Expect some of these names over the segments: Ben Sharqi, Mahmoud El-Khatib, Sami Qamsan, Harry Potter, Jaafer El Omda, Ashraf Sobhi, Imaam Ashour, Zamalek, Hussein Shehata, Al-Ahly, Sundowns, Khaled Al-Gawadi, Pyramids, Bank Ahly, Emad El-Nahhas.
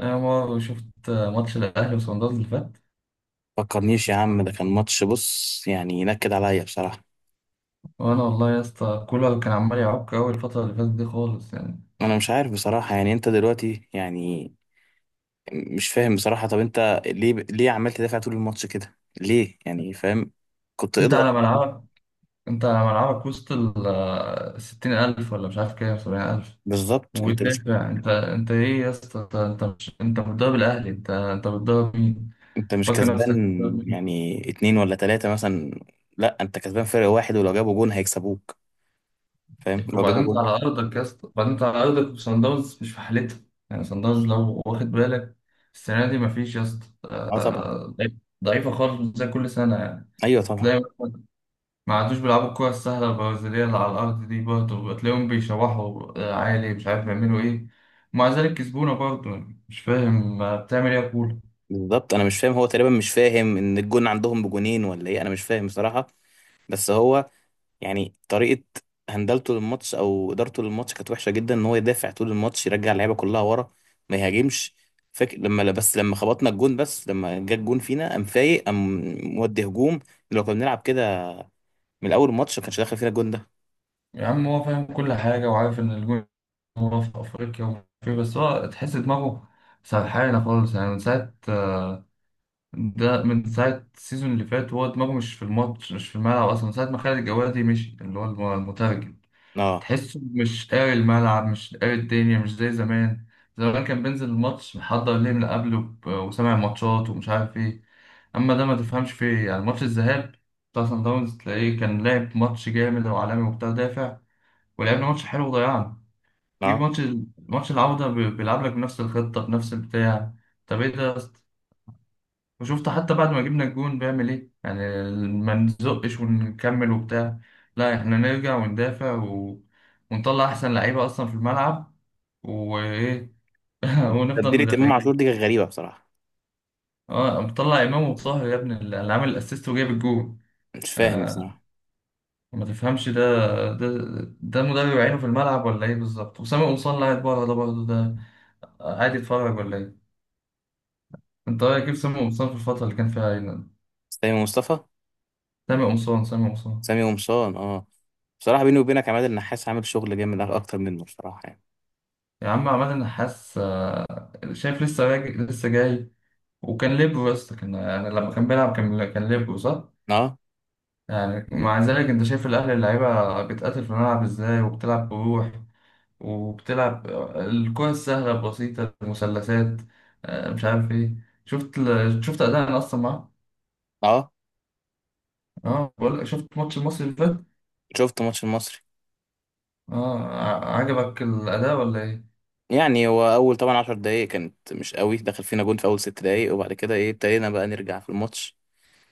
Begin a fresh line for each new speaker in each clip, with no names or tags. انا مرة شفت ماتش الاهلي وصن داونز اللي فات.
فكرنيش يا عم، ده كان ماتش، بص يعني ينكد عليا بصراحة.
وانا والله يا اسطى، كولر كان عمال يعك اول الفتره اللي فاتت دي خالص يعني.
انا مش عارف بصراحة. يعني انت دلوقتي يعني مش فاهم بصراحة. طب انت ليه عمال تدافع طول الماتش كده؟ ليه يعني؟ فاهم؟ كنت
انت
اضغط
على ملعبك انت على ملعبك وسط ال 60,000، ولا مش عارف كام، 70,000،
بالظبط. انت مش
وتدافع. انت ايه يا اسطى؟ انت مش انت بتضرب الاهلي؟ انت بتضرب مين؟
انت مش
فاكر
كسبان.
نفسك بتضرب مين؟
يعني اتنين ولا تلاتة مثلا. لا، انت كسبان فرق واحد، ولو جابوا جون هيكسبوك. فاهم؟ لو جابوا
وبعدين انت
جون.
على ارضك يا اسطى، وبعدين انت على ارضك وصن داونز مش في حالتها. يعني صن داونز لو واخد بالك، السنه دي مفيش يا اسطى.
اه طبعا.
ضعيف- ضعيفه خالص، مش زي كل سنه يعني.
ايوه طبعا.
تلاقي مثلاً ما عادوش بيلعبوا الكرة السهلة البرازيلية اللي على الأرض دي، برضه تلاقيهم بيشوحوا عالي، مش عارف بيعملوا إيه. ومع ذلك كسبونا برضه، يعني مش فاهم بتعمل إيه يا كورة.
بالظبط، انا مش فاهم. هو تقريبا مش فاهم ان الجون عندهم بجونين ولا ايه؟ انا مش فاهم بصراحة. بس هو يعني طريقة هندلته للماتش او ادارته للماتش كانت وحشة جدا، ان هو يدافع طول الماتش يرجع اللعيبة كلها ورا. ما يهاجمش. فاكر لما، لا، بس لما خبطنا الجون، بس لما جه الجون فينا قام فايق، قام مودي هجوم. لو كنا بنلعب كده من اول الماتش ما كانش داخل فينا الجون ده.
يا عم هو فاهم كل حاجة وعارف إن الجون، هو في أفريقيا ومش عارف إيه، بس هو تحس دماغه سرحانة خالص يعني من ساعة ده من ساعة السيزون اللي فات. هو دماغه مش في الماتش، مش في الملعب أصلا، من ساعة ما خالد الجوادي مشي، اللي هو المترجم.
اه،
تحسه مش قاري الملعب، مش قاري الدنيا، مش زي زمان. زمان كان بينزل الماتش محضر ليه من قبله وسامع ماتشات ومش عارف ايه. اما ده ما تفهمش فيه إيه. يعني ماتش الذهاب بتاع سان داونز تلاقيه كان لعب ماتش جامد وعالمي وبتاع، دافع ولعبنا ماتش حلو وضيعنا. جيب
اه،
ماتش ماتش العودة بيلعب لك بنفس الخطة بنفس البتاع. طب ايه ده؟ وشفت حتى بعد ما جبنا الجون بيعمل ايه يعني؟ ما نزقش ونكمل وبتاع، لا احنا نرجع وندافع، و... ونطلع احسن لعيبه اصلا في الملعب وايه. ونفضل
تبديلة امام عاشور
مدافعين.
دي كانت غريبة بصراحة.
اه، مطلع امام وطاهر يا ابني، اللي عامل الاسيست وجايب الجون.
مش فاهم
آه
بصراحة.
ما تفهمش ده. ده ده مدرب عينه في الملعب ولا ايه بالظبط؟ وسامي قمصان اللي قاعد بره ده برضه، ده قاعد يتفرج ولا ايه؟ انت رايك كيف سامي قمصان في الفتره اللي كان فيها عينه؟
سامي مصطفى.
سامي قمصان.
سامي قمصان، اه. بصراحة بيني وبينك عماد النحاس عامل شغل جامد اكتر منه بصراحة يعني.
يا عم عماد النحاس، شايف لسه راجع لسه جاي. وكان ليبرو يا اسطى، كان يعني لما كان بيلعب كان ليبرو، صح؟
اه.
يعني مع ذلك انت شايف الاهلي اللعيبه بتقاتل في الملعب ازاي، وبتلعب بروح وبتلعب الكرة السهله البسيطه المثلثات، مش عارف ايه. شفت اداء اصلا معاه.
اه،
اه بقول لك، شفت ماتش المصري اللي فات؟
شفت ماتش المصري.
اه، عجبك الاداء ولا ايه؟
يعني هو اول طبعا 10 دقايق كانت مش قوي، دخل فينا جون في اول 6 دقايق، وبعد كده ايه ابتدينا بقى نرجع في الماتش.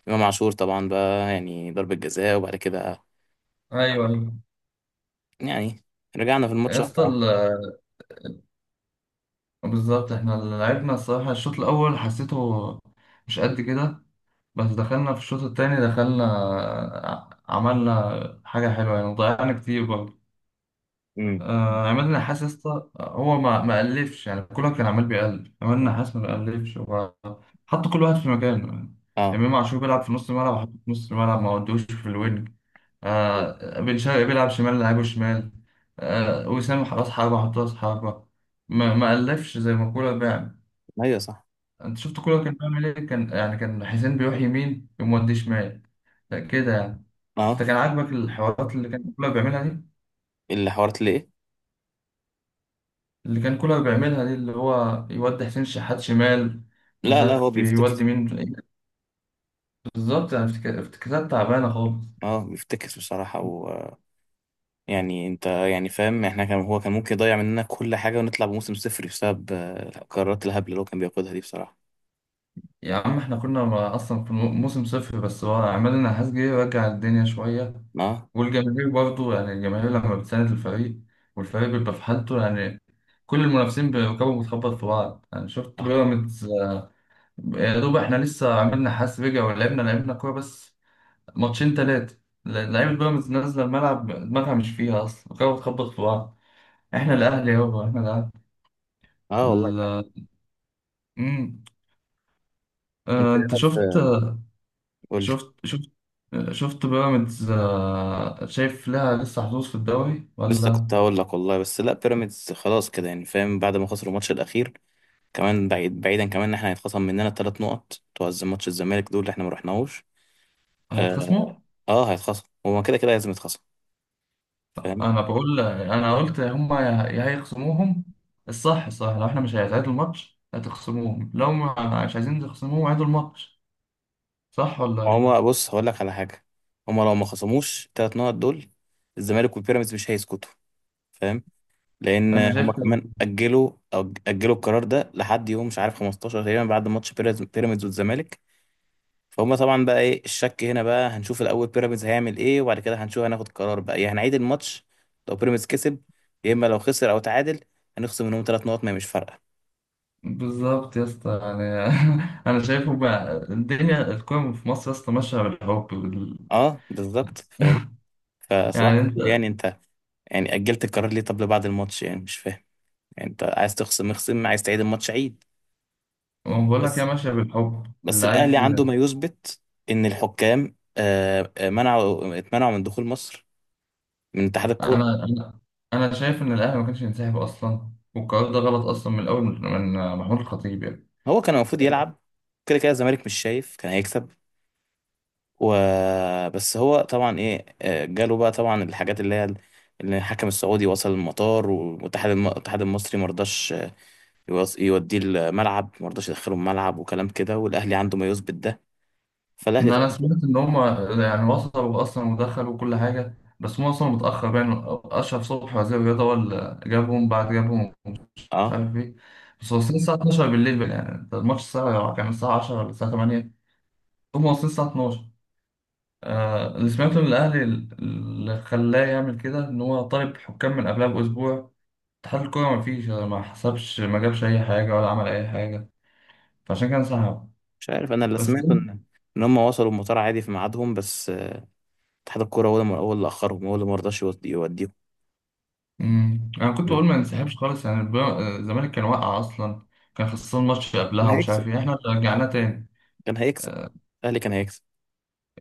امام عاشور طبعا بقى يعني ضربة جزاء، وبعد كده
ايوه ايوه
يعني رجعنا في الماتش
يا
واحدة
اسطى.
واحدة.
بالظبط، احنا لعبنا الصراحه الشوط الاول، حسيته مش قد كده، بس دخلنا في الشوط التاني، دخلنا عملنا حاجة حلوة، يعني ضيعنا كتير برضه.
امم.
عماد النحاس يا اسطى هو ما ألفش يعني. كولر كان عمال بيألف، عماد النحاس ما بيألفش. هو حط كل واحد في مكانه يعني.
اه.
إمام عاشور بيلعب في نص الملعب، وحط في نص الملعب ما ودوش في الوينج. بن شرقي بيلعب شمال، لعبه شمال. وسام راس حربة، حط راس حربة. ما ألفش زي ما كولر بيعمل.
ايوه صح.
أنت شفت كولر كان بيعمل إيه؟ كان يعني كان حسين بيروح يمين، يقوم مودي شمال، كده يعني.
اه،
انت كان عاجبك الحوارات اللي كان كولر بيعملها دي؟
اللي حوارت ليه؟
اللي هو يودي حسين شحات شمال ومش
لا، لا، هو
عارف
بيفتكر.
يودي مين. بالظبط، يعني افتكاسات تعبانه خالص.
اه، بيفتكر بصراحة و يعني انت، يعني فاهم، احنا كان هو كان ممكن يضيع مننا كل حاجة ونطلع بموسم صفر بسبب القرارات الهبلة اللي هو كان بياخدها دي بصراحة.
يا عم احنا كنا اصلا في موسم صفر، بس هو عماد النحاس جه يرجع الدنيا شويه.
اه.
والجماهير برضه يعني، الجماهير لما بتساند الفريق والفريق بيبقى في حالته يعني، كل المنافسين بيركبوا بتخبط في بعض. يعني شفت
اه.
بيراميدز؟ يا دوب احنا لسه عملنا حاس رجع، ولعبنا كوره بس ماتشين تلاتة. لعيبة بيراميدز نازلة الملعب دماغها مش فيها أصلا، كانت بتخبط في بعض. إحنا الأهلي يابا، إحنا الأهلي.
آه والله.
ال- مم.
انت إيه
أنت
رأيك
شفت.
قول لي.
شفت شفت شفت بيراميدز، شايف لها لسه حظوظ في الدوري
لسه
ولا؟
كنت هقول لك والله. بس لا، بيراميدز خلاص كده يعني فاهم، بعد ما خسروا الماتش الاخير، كمان بعيد بعيدا، كمان ان احنا هيتخصم مننا 3 نقط بتوع ماتش الزمالك دول اللي احنا ما رحناهوش. اه.
هيتخصموا؟
آه هيتخصم، هما كده كده لازم يتخصم. فاهم؟
أنا بقول أنا قلت هما يا يا هيخصموهم. الصح صح، لو إحنا مش هيتعادل الماتش هتخصموهم، لو مش عايزين تخصموهم عيدوا الماتش. صح ولا
هما
إيه؟
بص هقول لك على حاجه، هما لو ما خصموش الثلاث نقط دول الزمالك والبيراميدز مش هيسكتوا، فاهم؟ لان
أنا شايف
هما
كده.
كمان اجلوا القرار ده لحد يوم مش عارف 15 تقريبا، بعد ماتش بيراميدز والزمالك. فهم طبعا بقى، ايه الشك هنا بقى. هنشوف الاول بيراميدز هيعمل ايه وبعد كده هنشوف، هناخد قرار بقى يا هنعيد الماتش. لو بيراميدز كسب، يا اما لو خسر او تعادل هنخصم منهم 3 نقط، ما هي مش فارقه.
بالظبط يا اسطى يعني. انا شايفه بقى الدنيا، الكوره في مصر يا اسطى ماشيه بالحب
اه بالظبط فاهم. فصباح
يعني
الفل.
انت،
يعني انت، يعني اجلت القرار ليه؟ طب لبعد الماتش يعني، مش فاهم. يعني انت عايز تخصم اخصم، عايز تعيد الماتش عيد.
ما بقول لك هي
بس
ماشيه بالحب
بس
اللي
الاهلي
عايز
عنده ما يثبت ان الحكام اتمنعوا من دخول مصر من اتحاد الكوره.
انا انا انا شايف ان الاهلي ما كانش ينسحب اصلا، والقرار ده غلط اصلا من الاول، من محمود الخطيب يعني.
هو كان المفروض يلعب. كده كده الزمالك مش شايف، كان هيكسب. و بس هو طبعا ايه، جاله بقى طبعا الحاجات اللي الحكم السعودي وصل المطار، والاتحاد الاتحاد المصري مرضاش، يوديه الملعب، مرضاش يدخله الملعب وكلام كده، والاهلي عنده ما يثبت ده.
إن
فالاهلي
انا
طبعا.
سمعت ان هم يعني وصلوا اصلا ودخلوا كل حاجه، بس هم وصلوا متاخر يعني. اشرف صبحي وزير الرياضه هو اللي جابهم، بعد جابهم ومش
اه،
عارف ايه. بس واصلين الساعه 12 بالليل، يعني الماتش الساعه كان الساعه 10 ولا الساعه 8، هم واصلين الساعة 12. آه، اللي سمعته من الأهلي اللي خلاه يعمل كده، إن هو طالب حكام من قبلها بأسبوع، اتحاد الكورة مفيش، ما حسبش ما جابش أي حاجة ولا عمل أي حاجة، فعشان كده انسحب.
مش عارف. انا اللي
بس
سمعته ان هم وصلوا المطار عادي في ميعادهم، بس اتحاد الكوره هو اللي اخرهم، هو اللي مرضاش يوديهم.
مم. أنا كنت بقول ما ننسحبش خالص يعني. الزمالك كان واقع أصلا، كان خسران ماتش
كان
قبلها ومش عارف
هيكسب
إيه، إحنا اللي رجعناه تاني.
كان هيكسب.
آه،
الاهلي كان هيكسب.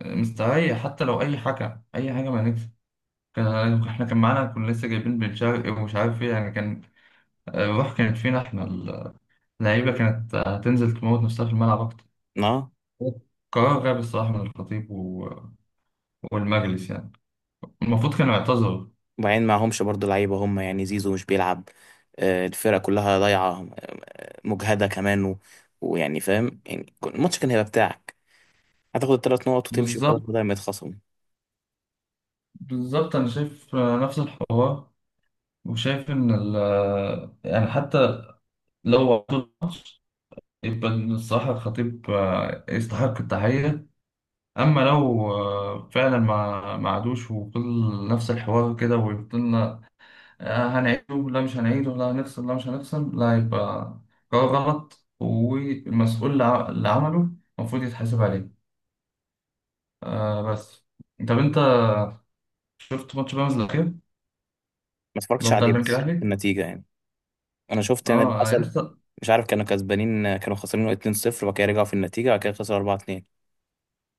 مستريح حتى لو أي حكم أي حاجة ما نكسب. إحنا كان معانا، كنا لسه جايبين بن شرقي ومش عارف إيه يعني. كان الروح كانت فينا إحنا، لعيبة كانت هتنزل تموت نفسها في الملعب أكتر.
اه.
قرار غبي الصراحة من الخطيب، و... والمجلس يعني، المفروض كانوا يعتذروا.
وبعدين معهمش برضو لعيبة هم، يعني زيزو مش بيلعب، الفرقة كلها ضايعة، مجهدة كمان و ويعني فاهم، يعني الماتش كان هيبقى بتاعك، هتاخد الثلاث نقط وتمشي وخلاص
بالظبط،
بدل ما يتخصموا ما.
بالظبط، أنا شايف نفس الحوار، وشايف إن، ال... يعني حتى لو عدوا الماتش يبقى الصراحة الخطيب يستحق التحية. أما لو فعلا ما عادوش وفضل نفس الحوار كده وفضلنا، هنعيده لا مش هنعيده، لا هنفصل لا مش هنفصل، لا يبقى قرار غلط، والمسؤول اللي عمله المفروض يتحاسب عليه. آه بس، طب انت شفت ماتش بيراميدز الاخير، اللي
اتفرجتش
هو بتاع
عليه،
البنك
بس
الاهلي؟
النتيجة يعني. أنا شفت يعني اللي
اه يا
حصل.
اسطى.
مش عارف كانوا كسبانين كانوا خسرانين 2-0، وبعد كده رجعوا في النتيجة، وبعد كده خسروا 4-2.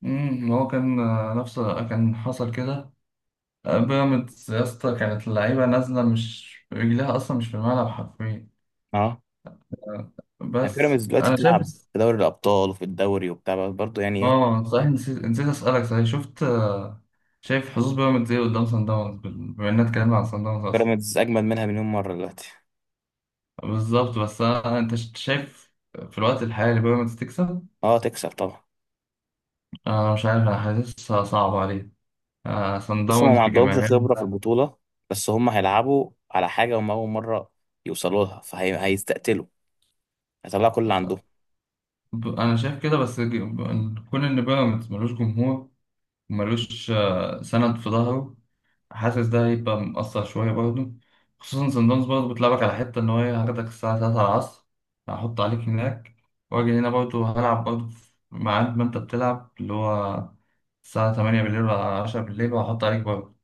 هو كان نفس كان حصل كده. بيراميدز يا اسطى كانت اللعيبه نازله، مش رجلها اصلا مش في الملعب حرفيا.
اه،
آه،
يعني
بس
بيراميدز دلوقتي
انا شايف.
بتلعب في دوري الأبطال وفي الدوري وبتاع برضه، يعني إيه.
اه صحيح، نسيت نسيت اسالك، صحيح شفت شايف حظوظ بيراميدز ايه قدام سان داونز، بما اننا اتكلمنا عن سان داونز اصلا.
بيراميدز أجمد منها مليون مرة دلوقتي.
بالظبط، بس أنا انت شايف في الوقت الحالي بيراميدز تكسب؟
اه تكسب طبعا.
انا مش عارف، انا حاسسها صعبه عليه. سان
بص هم
داونز
ما عندهمش خبرة في
بجماهيرها.
البطولة، بس هم هيلعبوا على حاجة هم أول مرة يوصلوا لها، فهيستقتلوا، هيطلعوا كل اللي عندهم.
انا شايف كده. بس كون ان بيراميدز ملوش جمهور، ملوش سند في ظهره، حاسس ده هيبقى مأثر شوية برضه. خصوصا سان داونز برضه بتلعبك على حتة إن هو إيه، هاخدك الساعة تلاتة العصر، هحط عليك هناك، وأجي هنا برضه هلعب برضه في ميعاد ما أنت بتلعب، اللي هو الساعة تمانية بالليل ولا عشرة بالليل، وهحط عليك برضه.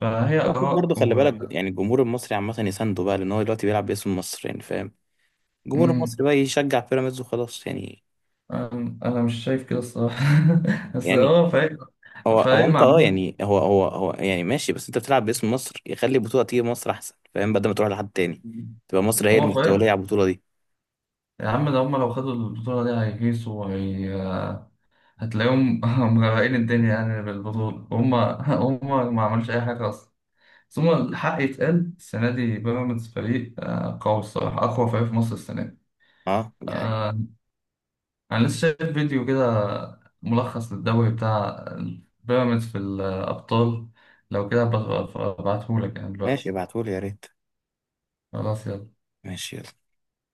فهي
المفروض
آراء.
برضه خلي
و
بالك، يعني الجمهور المصري عامة يسانده بقى لأن هو دلوقتي بيلعب باسم مصر، يعني فاهم. الجمهور المصري
مم.
بقى يشجع بيراميدز وخلاص يعني.
أنا مش شايف كده الصراحة. بس
يعني
هو فريق،
هو
فريق
أنت، أه
معمول.
يعني هو يعني ماشي، بس أنت بتلعب باسم مصر، يخلي البطولة تيجي مصر أحسن، فاهم، بدل ما تروح لحد تاني. تبقى مصر هي
هو
المستولية
فريق.
على البطولة دي.
يا عم ده هم لو خدوا البطولة دي هيهيصوا، وهي هتلاقيهم مغرقين الدنيا يعني بالبطولة وهم. هم ما عملوش أي حاجة أصلا. ثم الحق يتقال، السنة دي بيراميدز فريق قوي الصراحة، أقوى فريق في مصر السنة دي.
أه، دي حاجة.
آه، أنا لسه شايف فيديو كده ملخص للدوري بتاع بيراميدز في الأبطال. لو كده هبقى أبعتهولك يعني
ماشي
دلوقتي.
ابعتهولي يا ريت.
خلاص يلا.
ماشي يلا.